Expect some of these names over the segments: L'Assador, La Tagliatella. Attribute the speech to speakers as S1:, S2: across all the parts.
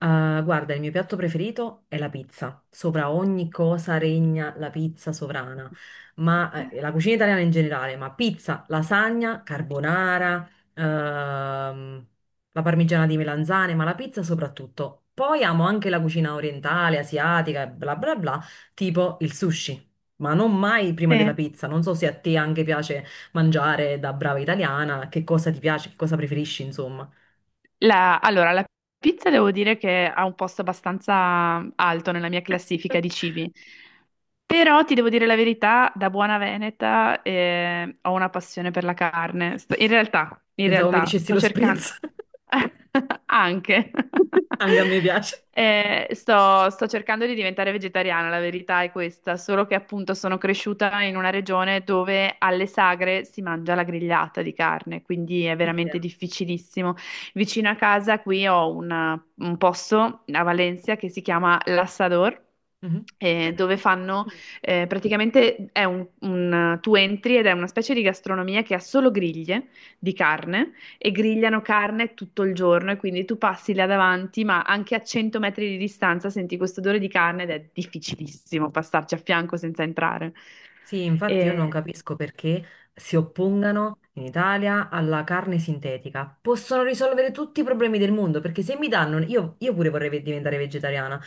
S1: Ah, guarda, il mio piatto preferito è la pizza. Sopra ogni cosa regna la pizza sovrana, ma la cucina italiana in generale, ma pizza, lasagna, carbonara, ehm, la parmigiana di melanzane, ma la pizza soprattutto. Poi amo anche la cucina orientale, asiatica, e bla bla bla, tipo il sushi. Ma non mai prima della
S2: Sì.
S1: pizza. Non so se a te anche piace mangiare da brava italiana, che cosa ti piace, che cosa preferisci, insomma.
S2: Allora, la pizza devo dire che ha un posto abbastanza alto nella mia classifica di cibi. Però ti devo dire la verità, da buona veneta ho una passione per la carne. In realtà, in
S1: Pensavo mi
S2: realtà
S1: dicessi
S2: sto
S1: lo
S2: cercando
S1: spritz,
S2: anche.
S1: anche a me piace.
S2: Sto cercando di diventare vegetariana, la verità è questa, solo che appunto sono cresciuta in una regione dove alle sagre si mangia la grigliata di carne, quindi è veramente
S1: Idem.
S2: difficilissimo. Vicino a casa qui ho un posto a Valencia che si chiama L'Assador,
S1: Mhm.
S2: dove fanno praticamente è tu entri ed è una specie di gastronomia che ha solo griglie di carne e grigliano carne tutto il giorno e quindi tu passi là davanti, ma anche a 100 metri di distanza senti questo odore di carne ed è difficilissimo passarci a fianco senza entrare.
S1: Sì, infatti io non
S2: E-
S1: capisco perché si oppongano in Italia alla carne sintetica. Possono risolvere tutti i problemi del mondo, perché se mi danno, io pure vorrei diventare vegetariana,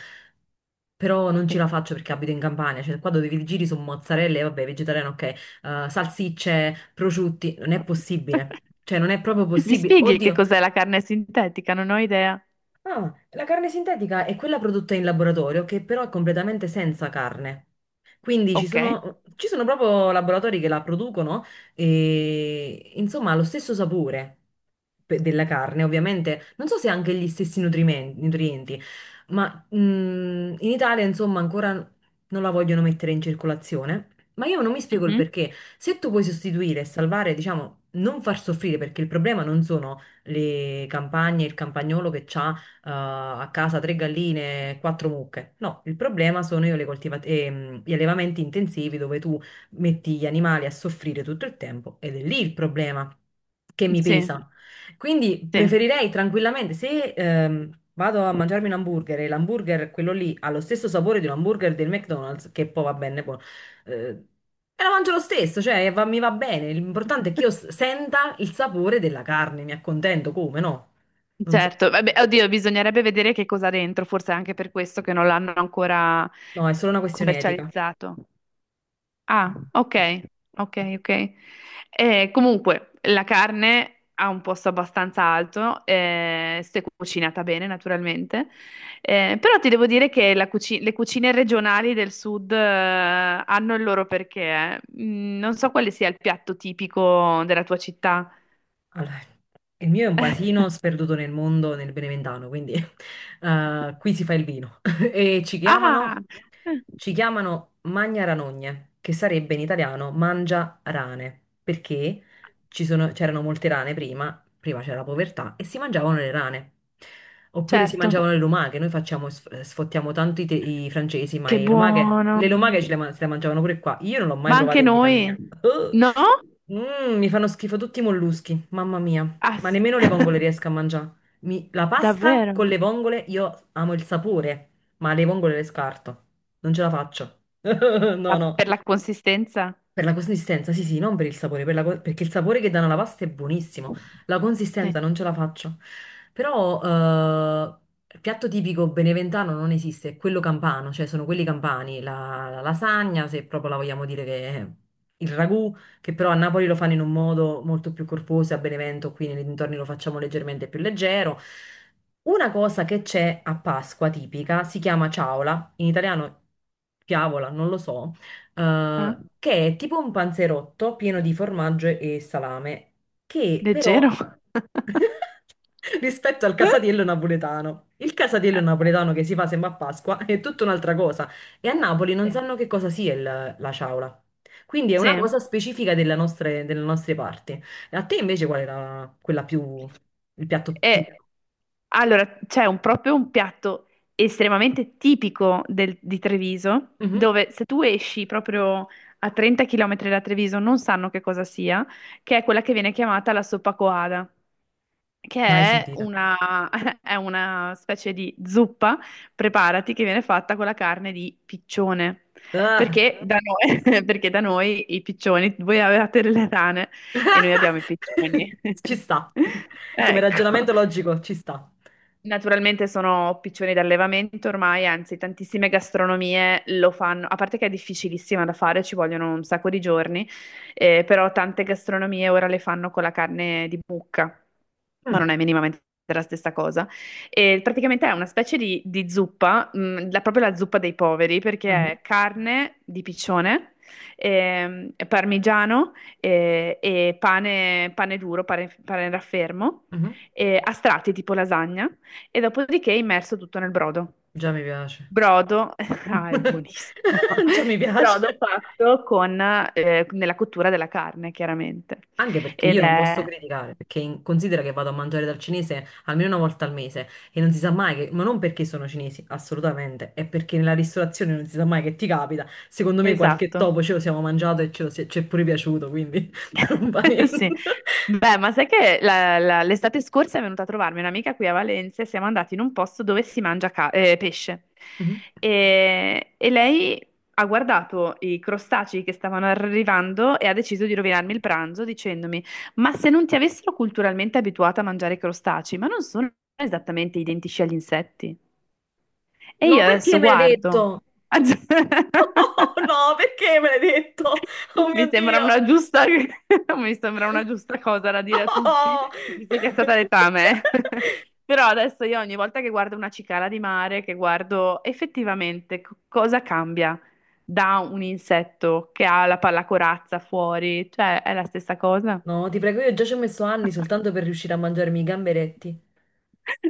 S1: però non ce
S2: sì.
S1: la faccio perché abito in Campania, cioè qua dove vi giri su mozzarella, e vabbè, vegetariano ok, salsicce, prosciutti, non è possibile. Cioè non è proprio
S2: Mi
S1: possibile.
S2: spieghi che
S1: Oddio,
S2: cos'è la carne sintetica? Non ho idea.
S1: ah, la carne sintetica è quella prodotta in laboratorio che però è completamente senza carne. Quindi ci
S2: Ok.
S1: sono, ci sono proprio laboratori che la producono e insomma ha lo stesso sapore della carne, ovviamente. Non so se ha anche gli stessi nutrienti, ma in Italia insomma ancora non la vogliono mettere in circolazione. Ma io non mi spiego il
S2: Mhm.
S1: perché. Se tu puoi sostituire e salvare, diciamo, non far soffrire, perché il problema non sono le campagne, il campagnolo che ha a casa tre galline, quattro mucche. No, il problema sono io gli allevamenti intensivi dove tu metti gli animali a soffrire tutto il tempo ed è lì il problema che mi
S2: Sì,
S1: pesa. Quindi
S2: sì.
S1: preferirei tranquillamente, se vado a mangiarmi un hamburger e l'hamburger, quello lì, ha lo stesso sapore di un hamburger del McDonald's, che poi va bene, poi, eh, e la mangio lo stesso, cioè mi va bene. L'importante è che io senta il sapore della carne, mi accontento come, no? Non so.
S2: Certo, vabbè, oddio, bisognerebbe vedere che cosa ha dentro, forse è anche per questo che non l'hanno ancora
S1: No, è solo una questione etica.
S2: commercializzato. Ah,
S1: Sì, sì.
S2: ok, ok, ok. Comunque, la carne ha un posto abbastanza alto, se cucinata bene, naturalmente. Però ti devo dire che la le cucine regionali del sud, hanno il loro perché. Non so quale sia il piatto tipico della tua città.
S1: Allora, il mio è un paesino sperduto nel mondo, nel Beneventano, quindi qui si fa il vino. E ci chiamano,
S2: Ah,
S1: ci chiamano Magna Ranogne, che sarebbe in italiano mangia rane, perché c'erano molte rane prima, prima c'era la povertà, e si mangiavano le rane. Oppure si mangiavano
S2: certo.
S1: le lumache, noi facciamo, sfottiamo tanto i francesi, ma
S2: Che
S1: le lumache,
S2: buono.
S1: le lumache ce le, se le mangiavano pure qua. Io non l'ho mai
S2: Ma
S1: provata
S2: anche
S1: in vita
S2: noi?
S1: mia.
S2: No?
S1: Mi fanno schifo tutti i molluschi, mamma mia.
S2: Ah,
S1: Ma
S2: sì.
S1: nemmeno le vongole riesco a mangiare. La pasta con
S2: Davvero?
S1: le vongole, io amo il sapore, ma le vongole le scarto. Non ce la faccio. No,
S2: Ma
S1: no.
S2: per la consistenza?
S1: Per la consistenza, sì, sì, non per il sapore, perché il sapore che danno alla pasta è buonissimo, la
S2: Sì.
S1: consistenza non ce la faccio. Però il piatto tipico beneventano non esiste, è quello campano, cioè sono quelli campani, la lasagna, se proprio la vogliamo dire che è il ragù, che però a Napoli lo fanno in un modo molto più corposo, a Benevento qui nei dintorni lo facciamo leggermente più leggero. Una cosa che c'è a Pasqua tipica si chiama ciaola, in italiano Piavola, non lo so,
S2: Eh?
S1: che è tipo un panzerotto pieno di formaggio e salame, che però
S2: Leggero?
S1: rispetto al casatiello napoletano. Il casatiello napoletano che si fa sempre a Pasqua è tutta un'altra cosa e a Napoli non
S2: Sì.
S1: sanno che cosa sia la ciaula. Quindi è
S2: Sì.
S1: una cosa specifica della delle nostre parti. A te invece qual era quella più il piatto
S2: E
S1: tipo?
S2: allora c'è proprio un piatto estremamente tipico di Treviso,
S1: Mhm.
S2: dove se tu esci proprio a 30 km da Treviso non sanno che cosa sia, che è quella che viene chiamata la soppa coada, che
S1: Mai
S2: è
S1: sentita.
S2: una, è una specie di zuppa, preparati, che viene fatta con la carne di piccione.
S1: Ah.
S2: Perché Mhm. da noi, perché da noi i piccioni, voi avevate le rane e noi abbiamo i piccioni.
S1: Ci sta. Come
S2: Ecco,
S1: ragionamento logico, ci sta.
S2: naturalmente sono piccioni d'allevamento ormai, anzi tantissime gastronomie lo fanno, a parte che è difficilissima da fare, ci vogliono un sacco di giorni, però tante gastronomie ora le fanno con la carne di mucca, ma non è minimamente la stessa cosa. E praticamente è una specie di zuppa, proprio la zuppa dei poveri, perché
S1: Mm.
S2: è carne di piccione, parmigiano, e pane, pane duro, pane raffermo,
S1: Mhm.
S2: a strati tipo lasagna e dopodiché immerso tutto nel brodo.
S1: Già mi piace.
S2: Brodo, ah, è buonissimo.
S1: Già mi piace.
S2: Brodo fatto con, nella cottura della carne, chiaramente.
S1: Anche perché
S2: Ed
S1: io non posso
S2: è
S1: criticare, perché considera che vado a mangiare dal cinese almeno una volta al mese e non si sa mai che, ma non perché sono cinesi, assolutamente, è perché nella ristorazione non si sa mai che ti capita. Secondo me qualche
S2: esatto.
S1: topo ce lo siamo mangiato e ce lo si ci è pure piaciuto, quindi non va niente.
S2: Sì. Beh, ma sai che l'estate scorsa è venuta a trovarmi un'amica qui a Valencia e siamo andati in un posto dove si mangia pesce.
S1: Mhm.
S2: E lei ha guardato i crostacei che stavano arrivando e ha deciso di rovinarmi il pranzo dicendomi: ma se non ti avessero culturalmente abituata a mangiare crostacei, ma non sono esattamente identici agli insetti? E
S1: No,
S2: io
S1: perché
S2: adesso
S1: me l'hai
S2: guardo.
S1: detto? Oh no, perché me l'hai detto? Oh mio
S2: Mi sembra
S1: Dio!
S2: una giusta, mi sembra una giusta cosa da dire a tutti,
S1: Oh!
S2: visto che è stata detta a me. Però adesso io ogni volta che guardo una cicala di mare, che guardo effettivamente cosa cambia da un insetto che ha la pallacorazza fuori, cioè è la stessa cosa.
S1: No, ti prego, io già ci ho messo anni soltanto per riuscire a mangiarmi i gamberetti.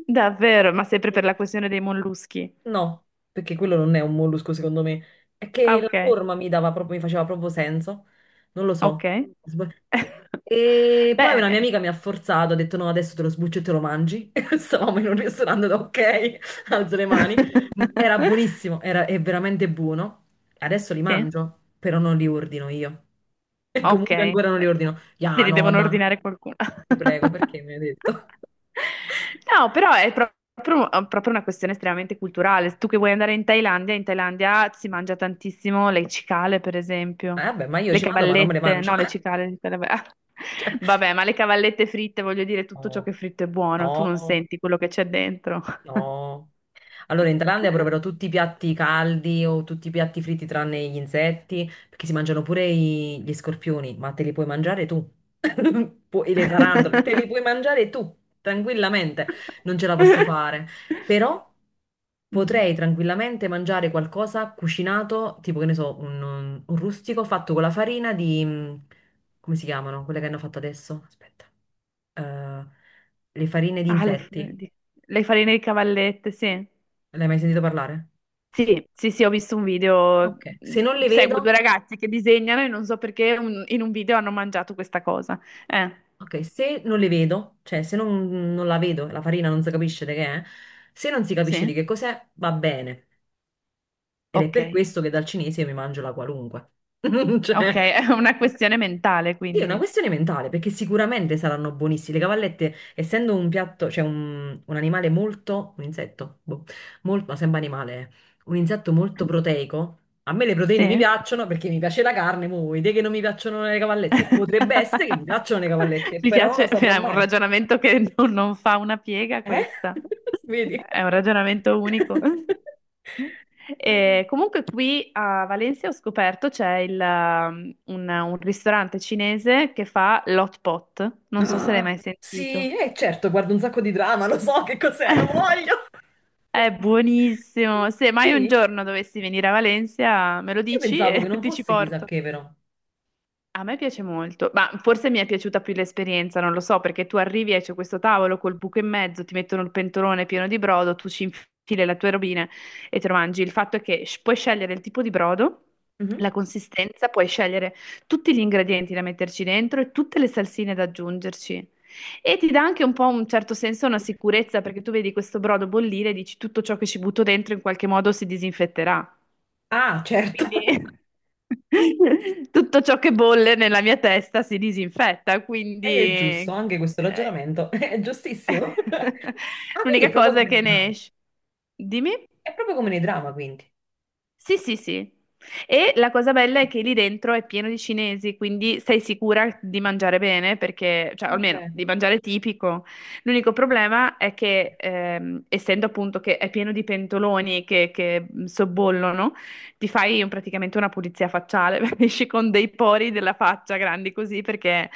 S2: Davvero, ma sempre per
S1: Sì.
S2: la questione dei molluschi.
S1: No, perché quello non è un mollusco secondo me. È
S2: Ah,
S1: che la
S2: ok,
S1: forma mi dava proprio, mi faceva proprio senso. Non lo
S2: ok.
S1: so. Sb- E poi una mia
S2: Beh.
S1: amica mi ha forzato, ha detto no, adesso te lo sbuccio e te lo mangi. E stavamo in un ristorante, ho detto, ok, alzo le mani. Era buonissimo, era, è veramente buono. Adesso li
S2: Sì.
S1: mangio, però non li ordino io. E
S2: Ok,
S1: comunque ancora non li ordino.
S2: te
S1: Ya,
S2: li
S1: no,
S2: devono
S1: dai,
S2: ordinare qualcuno.
S1: ti prego, perché mi hai detto?
S2: No, però è proprio, proprio una questione estremamente culturale. Tu che vuoi andare in Thailandia si mangia tantissimo le cicale, per esempio.
S1: Vabbè, ma io
S2: Le
S1: ci vado, ma non me le
S2: cavallette,
S1: mangio.
S2: no, le cicale. Vabbè, ma le cavallette fritte, voglio dire, tutto ciò che
S1: Oh,
S2: è fritto è buono, tu non
S1: oh,
S2: senti quello che c'è dentro.
S1: oh, allora, in Thailandia proverò tutti i piatti caldi o tutti i piatti fritti tranne gli insetti, perché si mangiano pure gli scorpioni, ma te li puoi mangiare tu. E le tarantole, te li puoi mangiare tu, tranquillamente. Non ce la posso fare. Però
S2: Mm.
S1: potrei tranquillamente mangiare qualcosa cucinato, tipo che ne so, un rustico fatto con la farina di... come si chiamano? Quelle che hanno fatto adesso? Aspetta. Eh, le farine di
S2: Ah, le, f-
S1: insetti.
S2: di- le farine di cavallette, sì.
S1: L'hai mai sentito parlare?
S2: Sì, sì, sì, ho visto un video.
S1: Ok, se non le
S2: Seguo
S1: vedo,
S2: due ragazzi che disegnano e non so perché in un video hanno mangiato questa cosa. Eh,
S1: ok, se non le vedo, cioè se non, non la vedo, la farina non si capisce di che è, se non si capisce
S2: sì?
S1: di che cos'è, va bene. Ed è
S2: Ok.
S1: per questo che dal cinese mi mangio la qualunque.
S2: Ok,
S1: Cioè,
S2: è una questione mentale,
S1: sì, è una
S2: quindi.
S1: questione mentale, perché sicuramente saranno buonissime. Le cavallette, essendo un piatto, cioè un animale molto, un insetto, boh, molto, ma sembra animale, eh. Un insetto molto proteico. A me le proteine mi
S2: Sì?
S1: piacciono perché mi piace la carne, mo, vuoi dire che non mi piacciono le cavallette? Potrebbe essere che mi piacciono le cavallette,
S2: Mi
S1: però non lo
S2: piace,
S1: saprò
S2: è un
S1: mai.
S2: ragionamento che non fa una piega
S1: Eh?
S2: questa,
S1: Vedi?
S2: è un ragionamento unico. E comunque qui a Valencia ho scoperto c'è un ristorante cinese che fa l'hot pot, non so se l'hai
S1: Ah,
S2: mai sentito.
S1: sì, certo, guardo un sacco di drama, lo so che cos'è, lo voglio.
S2: È buonissimo, se mai un
S1: Sì,
S2: giorno dovessi venire a Valencia me lo
S1: io
S2: dici
S1: pensavo che
S2: e
S1: non
S2: ti ci
S1: fosse chissà
S2: porto.
S1: che, però.
S2: A me piace molto, ma forse mi è piaciuta più l'esperienza, non lo so, perché tu arrivi e c'è questo tavolo col buco in mezzo, ti mettono il pentolone pieno di brodo, tu ci infili le tue robine e te lo mangi. Il fatto è che puoi scegliere il tipo di brodo,
S1: Mhm.
S2: la consistenza, puoi scegliere tutti gli ingredienti da metterci dentro e tutte le salsine da aggiungerci. E ti dà anche un po' un certo senso, una sicurezza, perché tu vedi questo brodo bollire e dici tutto ciò che ci butto dentro in qualche modo si disinfetterà.
S1: Ah, certo.
S2: Quindi tutto ciò che bolle nella mia testa si disinfetta, quindi
S1: È giusto, anche questo ragionamento è giustissimo. Ah, quindi è
S2: l'unica
S1: proprio
S2: cosa è
S1: come nei
S2: che ne
S1: drama.
S2: esce. Dimmi?
S1: È proprio come nei drama, quindi.
S2: Sì, sì, sì. E la cosa bella è che lì dentro è pieno di cinesi, quindi sei sicura di mangiare bene, perché, cioè almeno
S1: Ok.
S2: di mangiare tipico. L'unico problema è che, essendo appunto che è pieno di pentoloni che sobbollono, ti fai praticamente una pulizia facciale, esci con dei pori della faccia grandi così, perché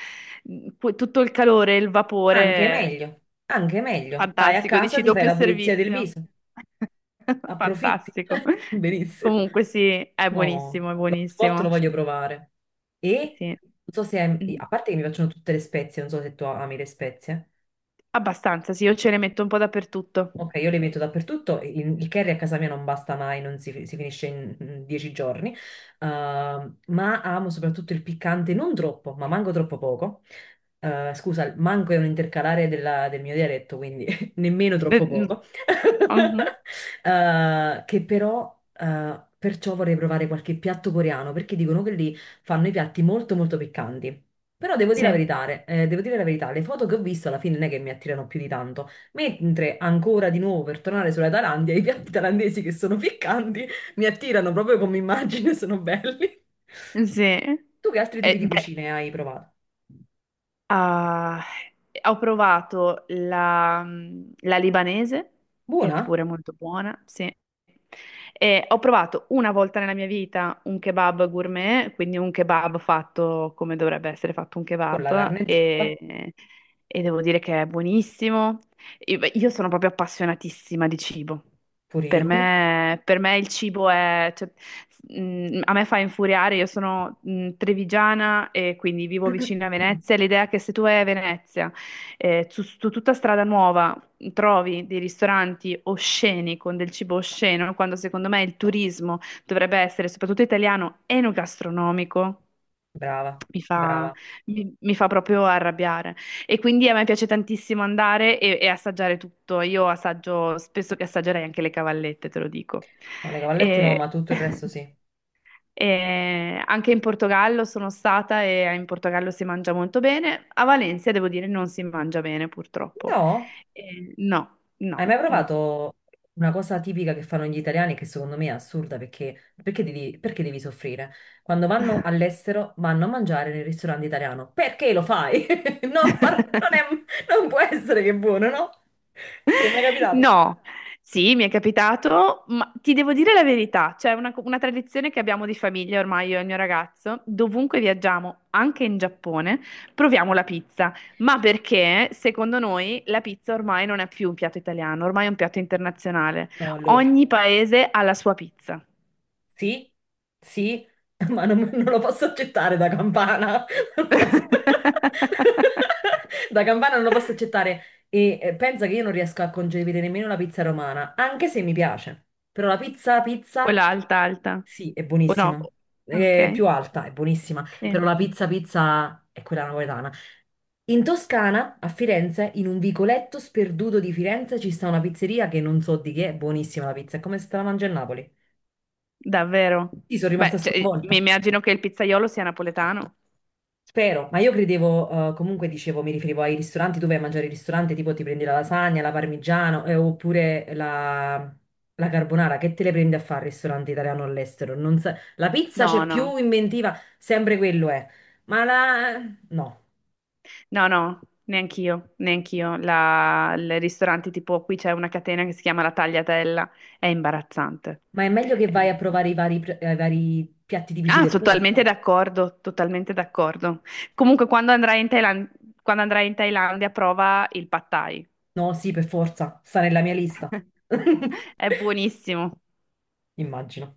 S2: tutto il calore, il
S1: Anche
S2: vapore.
S1: meglio, anche meglio. Vai a
S2: Fantastico,
S1: casa,
S2: dici
S1: ti fai
S2: doppio
S1: la pulizia del
S2: servizio.
S1: viso, approfitti.
S2: Fantastico.
S1: Benissimo.
S2: Comunque sì, è buonissimo,
S1: No,
S2: è
S1: l'hotpot
S2: buonissimo.
S1: lo voglio provare. E
S2: Sì.
S1: non so se,
S2: Mm,
S1: a parte che mi piacciono tutte le spezie, non so se tu ami le spezie.
S2: Abbastanza, sì, io ce ne metto un po' dappertutto.
S1: Ok, io le metto dappertutto, il curry a casa mia non basta mai, non si, si finisce in 10 giorni. Ma amo soprattutto il piccante, non troppo, ma manco troppo poco. Scusa, il manco è un intercalare del mio dialetto, quindi nemmeno
S2: Eh,
S1: troppo
S2: mm,
S1: poco.
S2: mhm,
S1: Che però, perciò vorrei provare qualche piatto coreano, perché dicono che lì fanno i piatti molto molto piccanti. Però devo dire la
S2: Sì,
S1: verità, devo dire la verità, le foto che ho visto alla fine non è che mi attirano più di tanto. Mentre ancora di nuovo per tornare sulla Thailandia, i piatti thailandesi che sono piccanti mi attirano proprio come immagine, sono belli.
S2: sì.
S1: Tu che altri tipi di
S2: Beh.
S1: cucine hai provato?
S2: Ah, ho provato la libanese, che è
S1: Buona?
S2: pure molto buona, sì. E ho provato una volta nella mia vita un kebab gourmet, quindi un kebab fatto come dovrebbe essere fatto un
S1: Con la
S2: kebab,
S1: carne giusta?
S2: e devo dire che è buonissimo. Io beh, io sono proprio appassionatissima di cibo.
S1: Pure io.
S2: Per me il cibo è... cioè, a me fa infuriare, io sono trevigiana e quindi vivo vicino a Venezia. L'idea che se tu vai a Venezia, su tutta strada nuova, trovi dei ristoranti osceni con del cibo osceno, quando secondo me il turismo dovrebbe essere, soprattutto italiano, enogastronomico
S1: Brava,
S2: mi fa,
S1: brava.
S2: mi fa proprio arrabbiare. E quindi a me piace tantissimo andare e assaggiare tutto. Io assaggio, spesso che assaggerei anche le cavallette, te lo dico.
S1: No, le cavallette no, ma
S2: E-
S1: tutto il resto sì.
S2: e anche in Portogallo sono stata e in Portogallo si mangia molto bene. A Valencia, devo dire, non si mangia bene, purtroppo.
S1: No?
S2: E no, no,
S1: Hai mai
S2: no.
S1: provato una cosa tipica che fanno gli italiani che secondo me è assurda perché, perché devi soffrire? Quando vanno all'estero vanno a mangiare nel ristorante italiano. Perché lo fai? Non, par- non è- non può essere che è buono, no? Ti è mai capitato?
S2: No, sì, mi è capitato, ma ti devo dire la verità, c'è una tradizione che abbiamo di famiglia ormai io e il mio ragazzo, dovunque viaggiamo, anche in Giappone, proviamo la pizza, ma perché secondo noi la pizza ormai non è più un piatto italiano, ormai è un piatto internazionale.
S1: No, allora.
S2: Ogni paese ha la sua pizza.
S1: Sì, sì, ma non, non lo posso accettare da campana. Non lo posso- Da campana non lo posso accettare. E pensa che io non riesco a concepire nemmeno la pizza romana, anche se mi piace. Però la pizza,
S2: O
S1: pizza,
S2: l'alta, alta,
S1: sì, è
S2: o no?
S1: buonissima.
S2: Ok,
S1: È più alta, è buonissima. Però
S2: sì,
S1: la pizza, pizza è quella napoletana. In Toscana, a Firenze, in un vicoletto sperduto di Firenze, ci sta una pizzeria che non so di che, è buonissima la pizza. È come se te la mangi a Napoli.
S2: davvero.
S1: Io sono rimasta
S2: Beh, cioè, mi
S1: sconvolta.
S2: immagino che il pizzaiolo sia napoletano.
S1: Spero, ma io credevo, comunque dicevo, mi riferivo ai ristoranti dove vai a mangiare il ristorante, tipo ti prendi la lasagna, la parmigiano, oppure la carbonara, che te le prendi a fare al ristorante italiano all'estero? Non sa- La pizza c'è
S2: No, no,
S1: più inventiva, sempre quello è, ma la... no,
S2: no, neanch'io, neanch'io. Il ristorante tipo qui c'è una catena che si chiama La Tagliatella, è imbarazzante.
S1: ma è meglio che
S2: È-
S1: vai a provare i vari piatti tipici
S2: Ah,
S1: del
S2: sono totalmente
S1: posto.
S2: d'accordo, totalmente d'accordo. Comunque quando andrai in Thailandia prova il pad thai.
S1: No, sì, per forza, sta nella mia lista.
S2: È buonissimo.
S1: Immagino.